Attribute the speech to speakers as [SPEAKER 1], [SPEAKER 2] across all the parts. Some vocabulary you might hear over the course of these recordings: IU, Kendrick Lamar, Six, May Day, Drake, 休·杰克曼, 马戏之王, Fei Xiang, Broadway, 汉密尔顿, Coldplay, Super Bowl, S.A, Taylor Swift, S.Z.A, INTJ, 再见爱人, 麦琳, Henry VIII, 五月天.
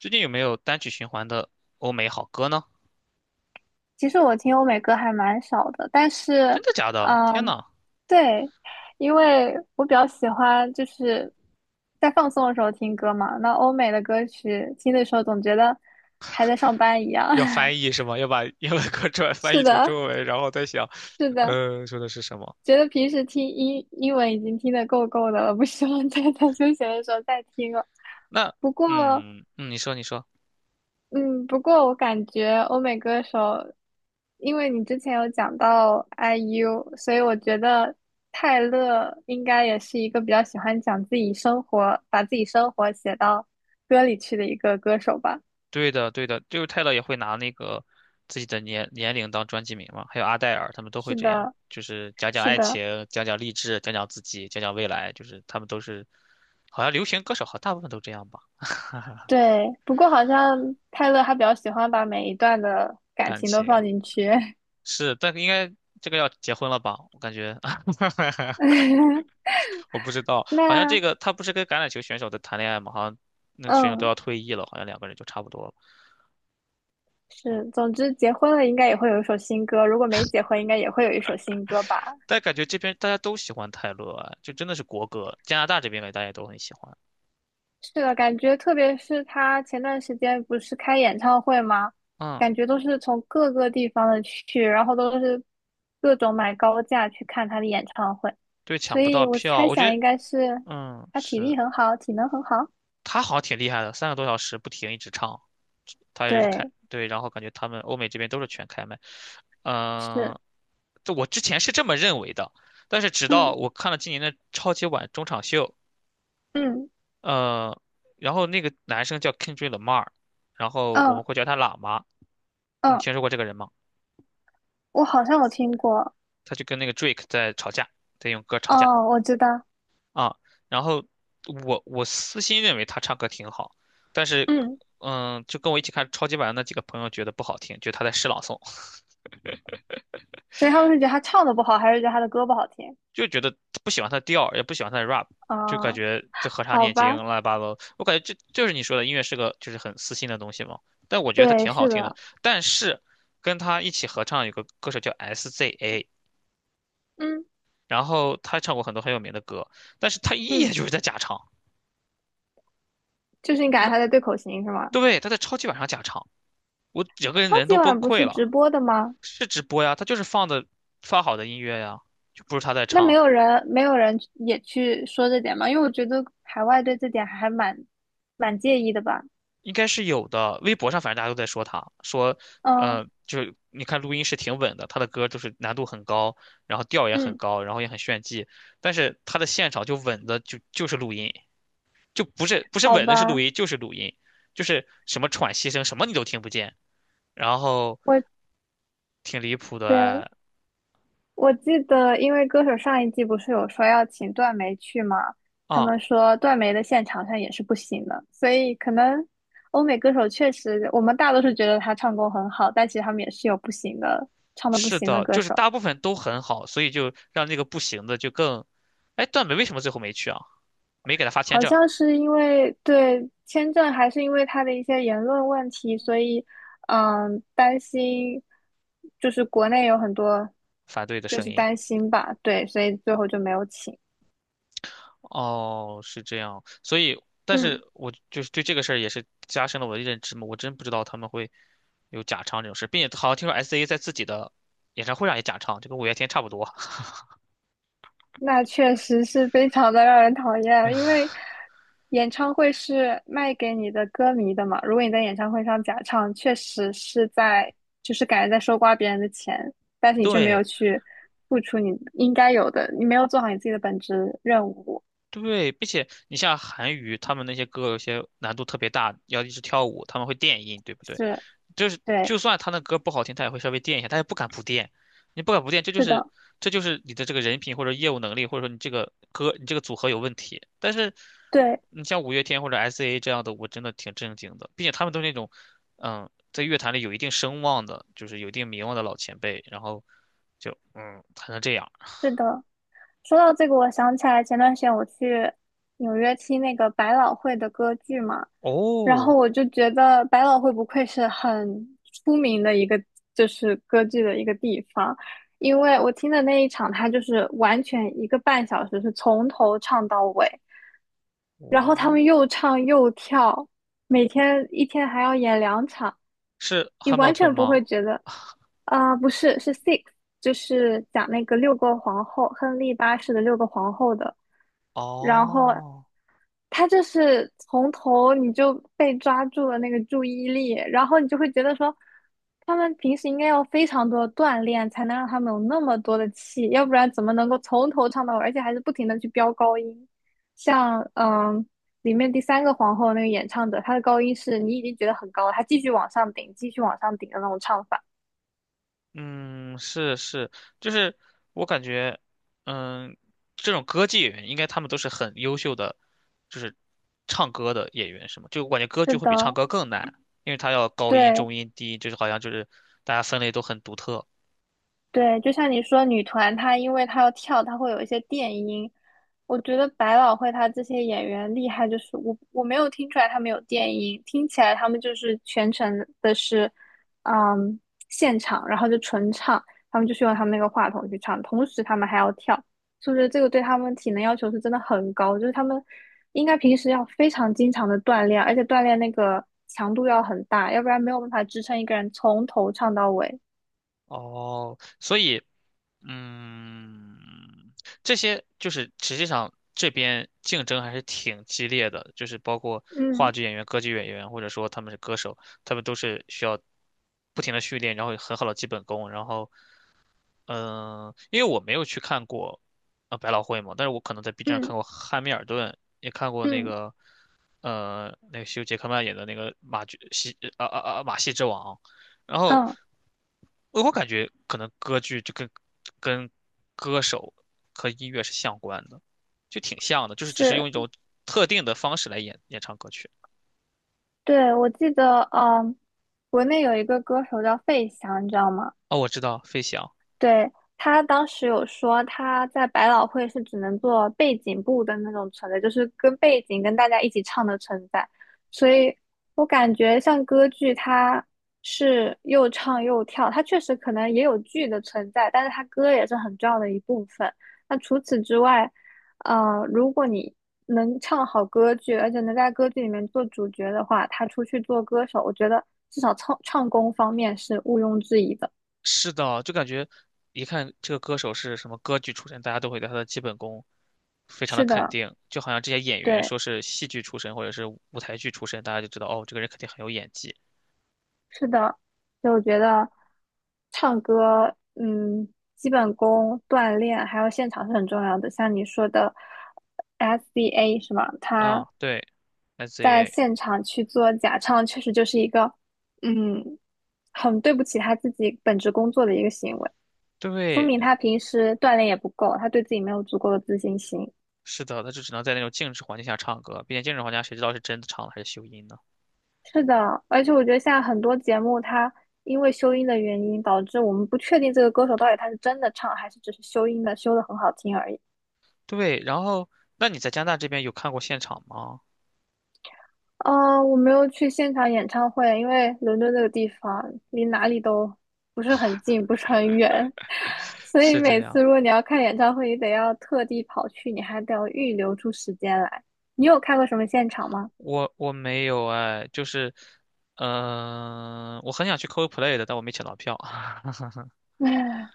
[SPEAKER 1] 最近有没有单曲循环的欧美好歌呢？
[SPEAKER 2] 其实我听欧美歌还蛮少的，但
[SPEAKER 1] 真
[SPEAKER 2] 是，
[SPEAKER 1] 的假的？天
[SPEAKER 2] 嗯，
[SPEAKER 1] 呐，
[SPEAKER 2] 对，因为我比较喜欢就是在放松的时候听歌嘛。那欧美的歌曲听的时候，总觉得还在上班一样。
[SPEAKER 1] 要 翻译是吗？要把英文歌出来翻
[SPEAKER 2] 是
[SPEAKER 1] 译成
[SPEAKER 2] 的，
[SPEAKER 1] 中文，然后再想，
[SPEAKER 2] 是的，
[SPEAKER 1] 说的是什么？
[SPEAKER 2] 觉得平时听英文已经听得够够的了，不希望再 在休闲的时候再听了。
[SPEAKER 1] 那
[SPEAKER 2] 不过，
[SPEAKER 1] 嗯嗯，你说你说，
[SPEAKER 2] 嗯，不过我感觉欧美歌手，因为你之前有讲到 IU，所以我觉得泰勒应该也是一个比较喜欢讲自己生活，把自己生活写到歌里去的一个歌手吧。
[SPEAKER 1] 对的对的，就是泰勒也会拿那个自己的年龄当专辑名嘛，还有阿黛尔他们都会
[SPEAKER 2] 是
[SPEAKER 1] 这样，
[SPEAKER 2] 的，
[SPEAKER 1] 就是讲讲
[SPEAKER 2] 是
[SPEAKER 1] 爱
[SPEAKER 2] 的，
[SPEAKER 1] 情，讲讲励志，讲讲自己，讲讲未来，就是他们都是，好像流行歌手好像大部分都这样吧，
[SPEAKER 2] 对。不过好像泰勒他比较喜欢把每一段的感
[SPEAKER 1] 感
[SPEAKER 2] 情都
[SPEAKER 1] 情
[SPEAKER 2] 放进去。
[SPEAKER 1] 是，但应该这个要结婚了吧？我感觉 我不知道，好像这
[SPEAKER 2] 那
[SPEAKER 1] 个他不是跟橄榄球选手在谈恋爱吗？好像那个选手都
[SPEAKER 2] 嗯，
[SPEAKER 1] 要退役了，好像两个人就差不多了。嗯，
[SPEAKER 2] 是，总之结婚了应该也会有一首新歌，如果没结婚应该也会有一首新歌吧。
[SPEAKER 1] 但感觉这边大家都喜欢泰勒啊，就真的是国歌。加拿大这边的大家都很喜欢。
[SPEAKER 2] 是的，感觉特别是他前段时间不是开演唱会吗？
[SPEAKER 1] 嗯，
[SPEAKER 2] 感觉都是从各个地方的去，然后都是各种买高价去看他的演唱会，
[SPEAKER 1] 对，抢
[SPEAKER 2] 所
[SPEAKER 1] 不
[SPEAKER 2] 以
[SPEAKER 1] 到
[SPEAKER 2] 我
[SPEAKER 1] 票，
[SPEAKER 2] 猜
[SPEAKER 1] 我觉
[SPEAKER 2] 想
[SPEAKER 1] 得，
[SPEAKER 2] 应该是
[SPEAKER 1] 嗯，
[SPEAKER 2] 他体力
[SPEAKER 1] 是
[SPEAKER 2] 很好，体能很好。
[SPEAKER 1] 他好像挺厉害的，3个多小时不停一直唱，他也是开，
[SPEAKER 2] 对，
[SPEAKER 1] 对，然后感觉他们欧美这边都是全开麦。
[SPEAKER 2] 是，
[SPEAKER 1] 嗯，这我之前是这么认为的，但是直到
[SPEAKER 2] 嗯
[SPEAKER 1] 我看了今年的超级碗中场秀。
[SPEAKER 2] 嗯
[SPEAKER 1] 呃，然后那个男生叫 Kendrick Lamar，然后我
[SPEAKER 2] 嗯
[SPEAKER 1] 们会叫他喇嘛。你
[SPEAKER 2] 嗯，
[SPEAKER 1] 听说过这个人吗？
[SPEAKER 2] 我好像有听过，
[SPEAKER 1] 他就跟那个 Drake 在吵架，在用歌吵架
[SPEAKER 2] 哦，我知道，
[SPEAKER 1] 啊。然后我私心认为他唱歌挺好，但是
[SPEAKER 2] 嗯，
[SPEAKER 1] 嗯，就跟我一起看超级碗的那几个朋友觉得不好听，觉得他在诗朗诵。
[SPEAKER 2] 所以他们是觉得他唱的不好，还是觉得他的歌不好听？
[SPEAKER 1] 就觉得不喜欢他的调也不喜欢他的 rap，就感
[SPEAKER 2] 啊、
[SPEAKER 1] 觉这合唱
[SPEAKER 2] 好
[SPEAKER 1] 念经
[SPEAKER 2] 吧，
[SPEAKER 1] 乱七八糟。我感觉这就是你说的音乐是个就是很私心的东西嘛。但我觉得他
[SPEAKER 2] 对，
[SPEAKER 1] 挺好
[SPEAKER 2] 是
[SPEAKER 1] 听的。
[SPEAKER 2] 的，
[SPEAKER 1] 但是跟他一起合唱有个歌手叫 SZA，
[SPEAKER 2] 嗯
[SPEAKER 1] 然后他唱过很多很有名的歌，但是他一眼
[SPEAKER 2] 嗯，
[SPEAKER 1] 就是在假唱，
[SPEAKER 2] 就是你感
[SPEAKER 1] 他
[SPEAKER 2] 觉
[SPEAKER 1] 在
[SPEAKER 2] 他在对口型是吗？
[SPEAKER 1] 对，他在超级晚上假唱，我整个人
[SPEAKER 2] 超
[SPEAKER 1] 人
[SPEAKER 2] 级
[SPEAKER 1] 都崩
[SPEAKER 2] 碗不
[SPEAKER 1] 溃
[SPEAKER 2] 是
[SPEAKER 1] 了。
[SPEAKER 2] 直播的吗？
[SPEAKER 1] 是直播呀，他就是放的发好的音乐呀，就不是他在
[SPEAKER 2] 那没
[SPEAKER 1] 唱。
[SPEAKER 2] 有人，没有人也去说这点吗？因为我觉得海外对这点还蛮介意的吧。
[SPEAKER 1] 应该是有的。微博上反正大家都在说他，说，
[SPEAKER 2] 嗯
[SPEAKER 1] 就是你看录音是挺稳的，他的歌就是难度很高，然后调也很
[SPEAKER 2] 嗯，
[SPEAKER 1] 高，然后也很炫技，但是他的现场就稳的就是录音，就不是
[SPEAKER 2] 好
[SPEAKER 1] 稳的是录
[SPEAKER 2] 吧，
[SPEAKER 1] 音，就是录音，就是什么喘息声什么你都听不见，然后
[SPEAKER 2] 我
[SPEAKER 1] 挺离谱的
[SPEAKER 2] 的
[SPEAKER 1] 哎
[SPEAKER 2] 我记得，因为歌手上一季不是有说要请段梅去吗？他
[SPEAKER 1] 啊。
[SPEAKER 2] 们说段梅的现场上也是不行的，所以可能欧美歌手确实，我们大多数觉得他唱功很好，但其实他们也是有不行的，唱的不
[SPEAKER 1] 是
[SPEAKER 2] 行的
[SPEAKER 1] 的，
[SPEAKER 2] 歌
[SPEAKER 1] 就是
[SPEAKER 2] 手。
[SPEAKER 1] 大部分都很好，所以就让那个不行的就更，哎，段美为什么最后没去啊？没给他发签
[SPEAKER 2] 好
[SPEAKER 1] 证，
[SPEAKER 2] 像是因为对签证，还是因为他的一些言论问题，所以，担心，就是国内有很多，
[SPEAKER 1] 反对的
[SPEAKER 2] 就
[SPEAKER 1] 声
[SPEAKER 2] 是
[SPEAKER 1] 音。
[SPEAKER 2] 担心吧，对，所以最后就没有请。
[SPEAKER 1] 哦，是这样，所以，但
[SPEAKER 2] 嗯，
[SPEAKER 1] 是我就是对这个事儿也是加深了我的认知嘛，我真不知道他们会有假唱这种事，并且好像听说 S.A 在自己的演唱会上也假唱，就跟五月天差不多。
[SPEAKER 2] 那确实是非常的让人讨厌，因为演唱会是卖给你的歌迷的嘛，如果你在演唱会上假唱，确实是在，就是感觉在收刮别人的钱，但是你却没有
[SPEAKER 1] 对
[SPEAKER 2] 去付出你应该有的，你没有做好你自己的本职任务。
[SPEAKER 1] 对，并且你像韩娱他们那些歌有些难度特别大，要一直跳舞，他们会电音，对不对？
[SPEAKER 2] 是，
[SPEAKER 1] 就是
[SPEAKER 2] 对，
[SPEAKER 1] 就算他那歌不好听，他也会稍微垫一下，他也不敢不垫。你不敢不垫，这就
[SPEAKER 2] 是
[SPEAKER 1] 是
[SPEAKER 2] 的，
[SPEAKER 1] 这就是你的这个人品或者业务能力，或者说你这个歌你这个组合有问题。但是
[SPEAKER 2] 对，
[SPEAKER 1] 你像五月天或者 S.A 这样的，我真的挺震惊的，并且他们都是那种在乐坛里有一定声望的，就是有一定名望的老前辈，然后就才能这样。
[SPEAKER 2] 是的。说到这个，我想起来前段时间我去纽约听那个百老汇的歌剧嘛，然
[SPEAKER 1] 哦
[SPEAKER 2] 后我就觉得百老汇不愧是很出名的一个，就是歌剧的一个地方，因为我听的那一场，它就是完全一个半小时是从头唱到尾，然后他们
[SPEAKER 1] 哦，
[SPEAKER 2] 又唱又跳，每天一天还要演两场。
[SPEAKER 1] 是
[SPEAKER 2] 你
[SPEAKER 1] 汉茂
[SPEAKER 2] 完
[SPEAKER 1] 村
[SPEAKER 2] 全不
[SPEAKER 1] 吗？
[SPEAKER 2] 会觉得，啊、不是，是 Six，就是讲那个六个皇后，亨利八世的六个皇后的。然后
[SPEAKER 1] 哦。
[SPEAKER 2] 他就是从头你就被抓住了那个注意力，然后你就会觉得说，他们平时应该要非常多的锻炼，才能让他们有那么多的气，要不然怎么能够从头唱到尾，而且还是不停的去飙高音？像里面第三个皇后那个演唱者，她的高音是你已经觉得很高了，她继续往上顶，继续往上顶的那种唱法。
[SPEAKER 1] 嗯，是是，就是我感觉，嗯，这种歌剧演员应该他们都是很优秀的，就是唱歌的演员，是吗？就我感觉歌
[SPEAKER 2] 是
[SPEAKER 1] 剧会比唱
[SPEAKER 2] 的，
[SPEAKER 1] 歌更难，因为他要高音、
[SPEAKER 2] 对。
[SPEAKER 1] 中音、低音，就是好像就是大家分类都很独特。
[SPEAKER 2] 对，就像你说，女团她因为她要跳，她会有一些电音。我觉得百老汇她这些演员厉害，就是我没有听出来他们有电音，听起来他们就是全程的是，嗯，现场，然后就纯唱，他们就是用他们那个话筒去唱，同时他们还要跳，是不是？这个对他们体能要求是真的很高，就是他们应该平时要非常经常的锻炼，而且锻炼那个强度要很大，要不然没有办法支撑一个人从头唱到尾。
[SPEAKER 1] 哦，所以嗯，这些就是实际上这边竞争还是挺激烈的，就是包括话
[SPEAKER 2] 嗯
[SPEAKER 1] 剧演员、歌剧演员，或者说他们是歌手，他们都是需要不停的训练，然后有很好的基本功，然后因为我没有去看过百老汇嘛，但是我可能在 B 站看
[SPEAKER 2] 嗯
[SPEAKER 1] 过《汉密尔顿》，也看过那
[SPEAKER 2] 嗯。
[SPEAKER 1] 个那个休·杰克曼演的那个马剧戏啊啊啊马戏之王，然后
[SPEAKER 2] 嗯，
[SPEAKER 1] 我感觉可能歌剧就跟歌手和音乐是相关的，就挺像的，就是只是用
[SPEAKER 2] 是，
[SPEAKER 1] 一种特定的方式来演唱歌曲。
[SPEAKER 2] 对，我记得，国内有一个歌手叫费翔，你知道吗？
[SPEAKER 1] 哦，我知道，飞翔。
[SPEAKER 2] 对，他当时有说他在百老汇是只能做背景部的那种存在，就是跟背景跟大家一起唱的存在，所以我感觉像歌剧它是又唱又跳，它确实可能也有剧的存在，但是它歌也是很重要的一部分。那除此之外，如果你能唱好歌剧，而且能在歌剧里面做主角的话，他出去做歌手，我觉得至少唱功方面是毋庸置疑的。
[SPEAKER 1] 是的，就感觉一看这个歌手是什么歌剧出身，大家都会对他的基本功非常的
[SPEAKER 2] 是
[SPEAKER 1] 肯
[SPEAKER 2] 的，
[SPEAKER 1] 定。就好像这些演员
[SPEAKER 2] 对。
[SPEAKER 1] 说是戏剧出身或者是舞台剧出身，大家就知道哦，这个人肯定很有演技
[SPEAKER 2] 是的，就我觉得唱歌，基本功、锻炼还有现场是很重要的。像你说的 SDA 是吗？
[SPEAKER 1] 啊。
[SPEAKER 2] 他
[SPEAKER 1] 对
[SPEAKER 2] 在
[SPEAKER 1] ，SZA，
[SPEAKER 2] 现场去做假唱，确实就是一个，嗯，很对不起他自己本职工作的一个行为，说
[SPEAKER 1] 对，
[SPEAKER 2] 明他平时锻炼也不够，他对自己没有足够的自信心。
[SPEAKER 1] 是的，他就只能在那种静止环境下唱歌，并且静止环境下谁知道是真的唱了还是修音呢？
[SPEAKER 2] 是的，而且我觉得现在很多节目，它因为修音的原因，导致我们不确定这个歌手到底他是真的唱，还是只是修音的，修的很好听而已。
[SPEAKER 1] 对，然后那你在加拿大这边有看过现场吗？
[SPEAKER 2] 我没有去现场演唱会，因为伦敦这个地方离哪里都不是很近，不是很远，所以
[SPEAKER 1] 是这
[SPEAKER 2] 每
[SPEAKER 1] 样，
[SPEAKER 2] 次如果你要看演唱会，你得要特地跑去，你还得要预留出时间来。你有看过什么现场吗？
[SPEAKER 1] 我没有哎，就是，我很想去 Coldplay 的，但我没抢到票。
[SPEAKER 2] 唉，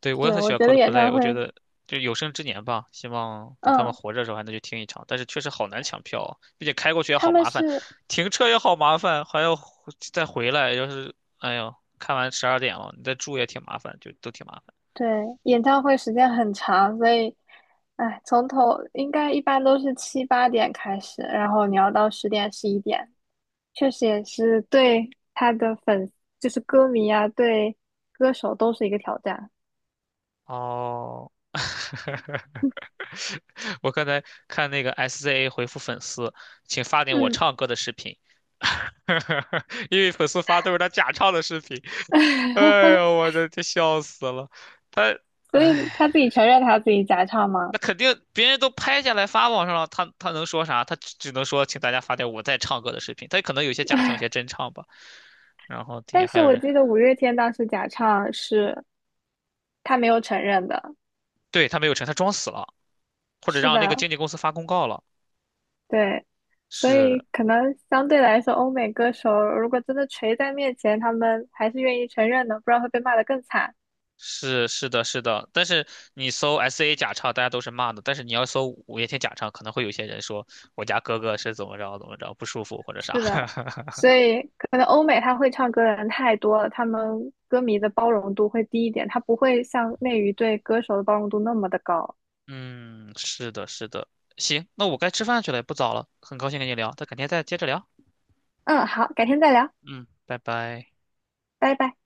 [SPEAKER 1] 对，我也
[SPEAKER 2] 是，
[SPEAKER 1] 很喜
[SPEAKER 2] 我
[SPEAKER 1] 欢
[SPEAKER 2] 觉得演
[SPEAKER 1] Coldplay，
[SPEAKER 2] 唱
[SPEAKER 1] 我觉
[SPEAKER 2] 会，
[SPEAKER 1] 得就有生之年吧，希望等他们
[SPEAKER 2] 嗯，
[SPEAKER 1] 活着的时候还能去听一场。但是确实好难抢票啊，并且开过去也
[SPEAKER 2] 他
[SPEAKER 1] 好
[SPEAKER 2] 们
[SPEAKER 1] 麻烦，
[SPEAKER 2] 是
[SPEAKER 1] 停车也好麻烦，还要回再回来。要是哎呦，看完12点了，你再住也挺麻烦，就都挺麻烦。
[SPEAKER 2] 对，演唱会时间很长，所以，哎，从头应该一般都是七八点开始，然后你要到十点十一点，确实也是对他的粉丝，就是歌迷啊，对歌手都是一个挑战。
[SPEAKER 1] 哦，我刚才看那个 SZA 回复粉丝，请发点我
[SPEAKER 2] 嗯，
[SPEAKER 1] 唱歌的视频，因为粉丝发都是他假唱的视频。哎呦，我的这笑死了，他，
[SPEAKER 2] 所以他自
[SPEAKER 1] 哎。
[SPEAKER 2] 己承认他自己假唱
[SPEAKER 1] 那
[SPEAKER 2] 吗？
[SPEAKER 1] 肯定别人都拍下来发网上了，他能说啥？他只能说请大家发点我在唱歌的视频，他可能有些假唱，有些真唱吧。然后底下
[SPEAKER 2] 但
[SPEAKER 1] 还
[SPEAKER 2] 是
[SPEAKER 1] 有
[SPEAKER 2] 我
[SPEAKER 1] 人，
[SPEAKER 2] 记得五月天当时假唱是他没有承认的。
[SPEAKER 1] 对，他没有成，他装死了，或者
[SPEAKER 2] 是
[SPEAKER 1] 让那个
[SPEAKER 2] 的，
[SPEAKER 1] 经纪公司发公告了。
[SPEAKER 2] 对，所
[SPEAKER 1] 是
[SPEAKER 2] 以可能相对来说，欧美歌手如果真的锤在面前，他们还是愿意承认的，不然会被骂得更惨。
[SPEAKER 1] 是是的，是的。但是你搜 S A 假唱，大家都是骂的。但是你要搜五月天假唱，可能会有些人说我家哥哥是怎么着怎么着不舒服或者啥。
[SPEAKER 2] 是的，所以可能欧美他会唱歌的人太多了，他们歌迷的包容度会低一点，他不会像内娱对歌手的包容度那么的高。
[SPEAKER 1] 嗯，是的，是的。行，那我该吃饭去了，也不早了，很高兴跟你聊，那改天再接着聊。
[SPEAKER 2] 嗯，好，改天再聊，
[SPEAKER 1] 嗯，拜拜。
[SPEAKER 2] 拜拜。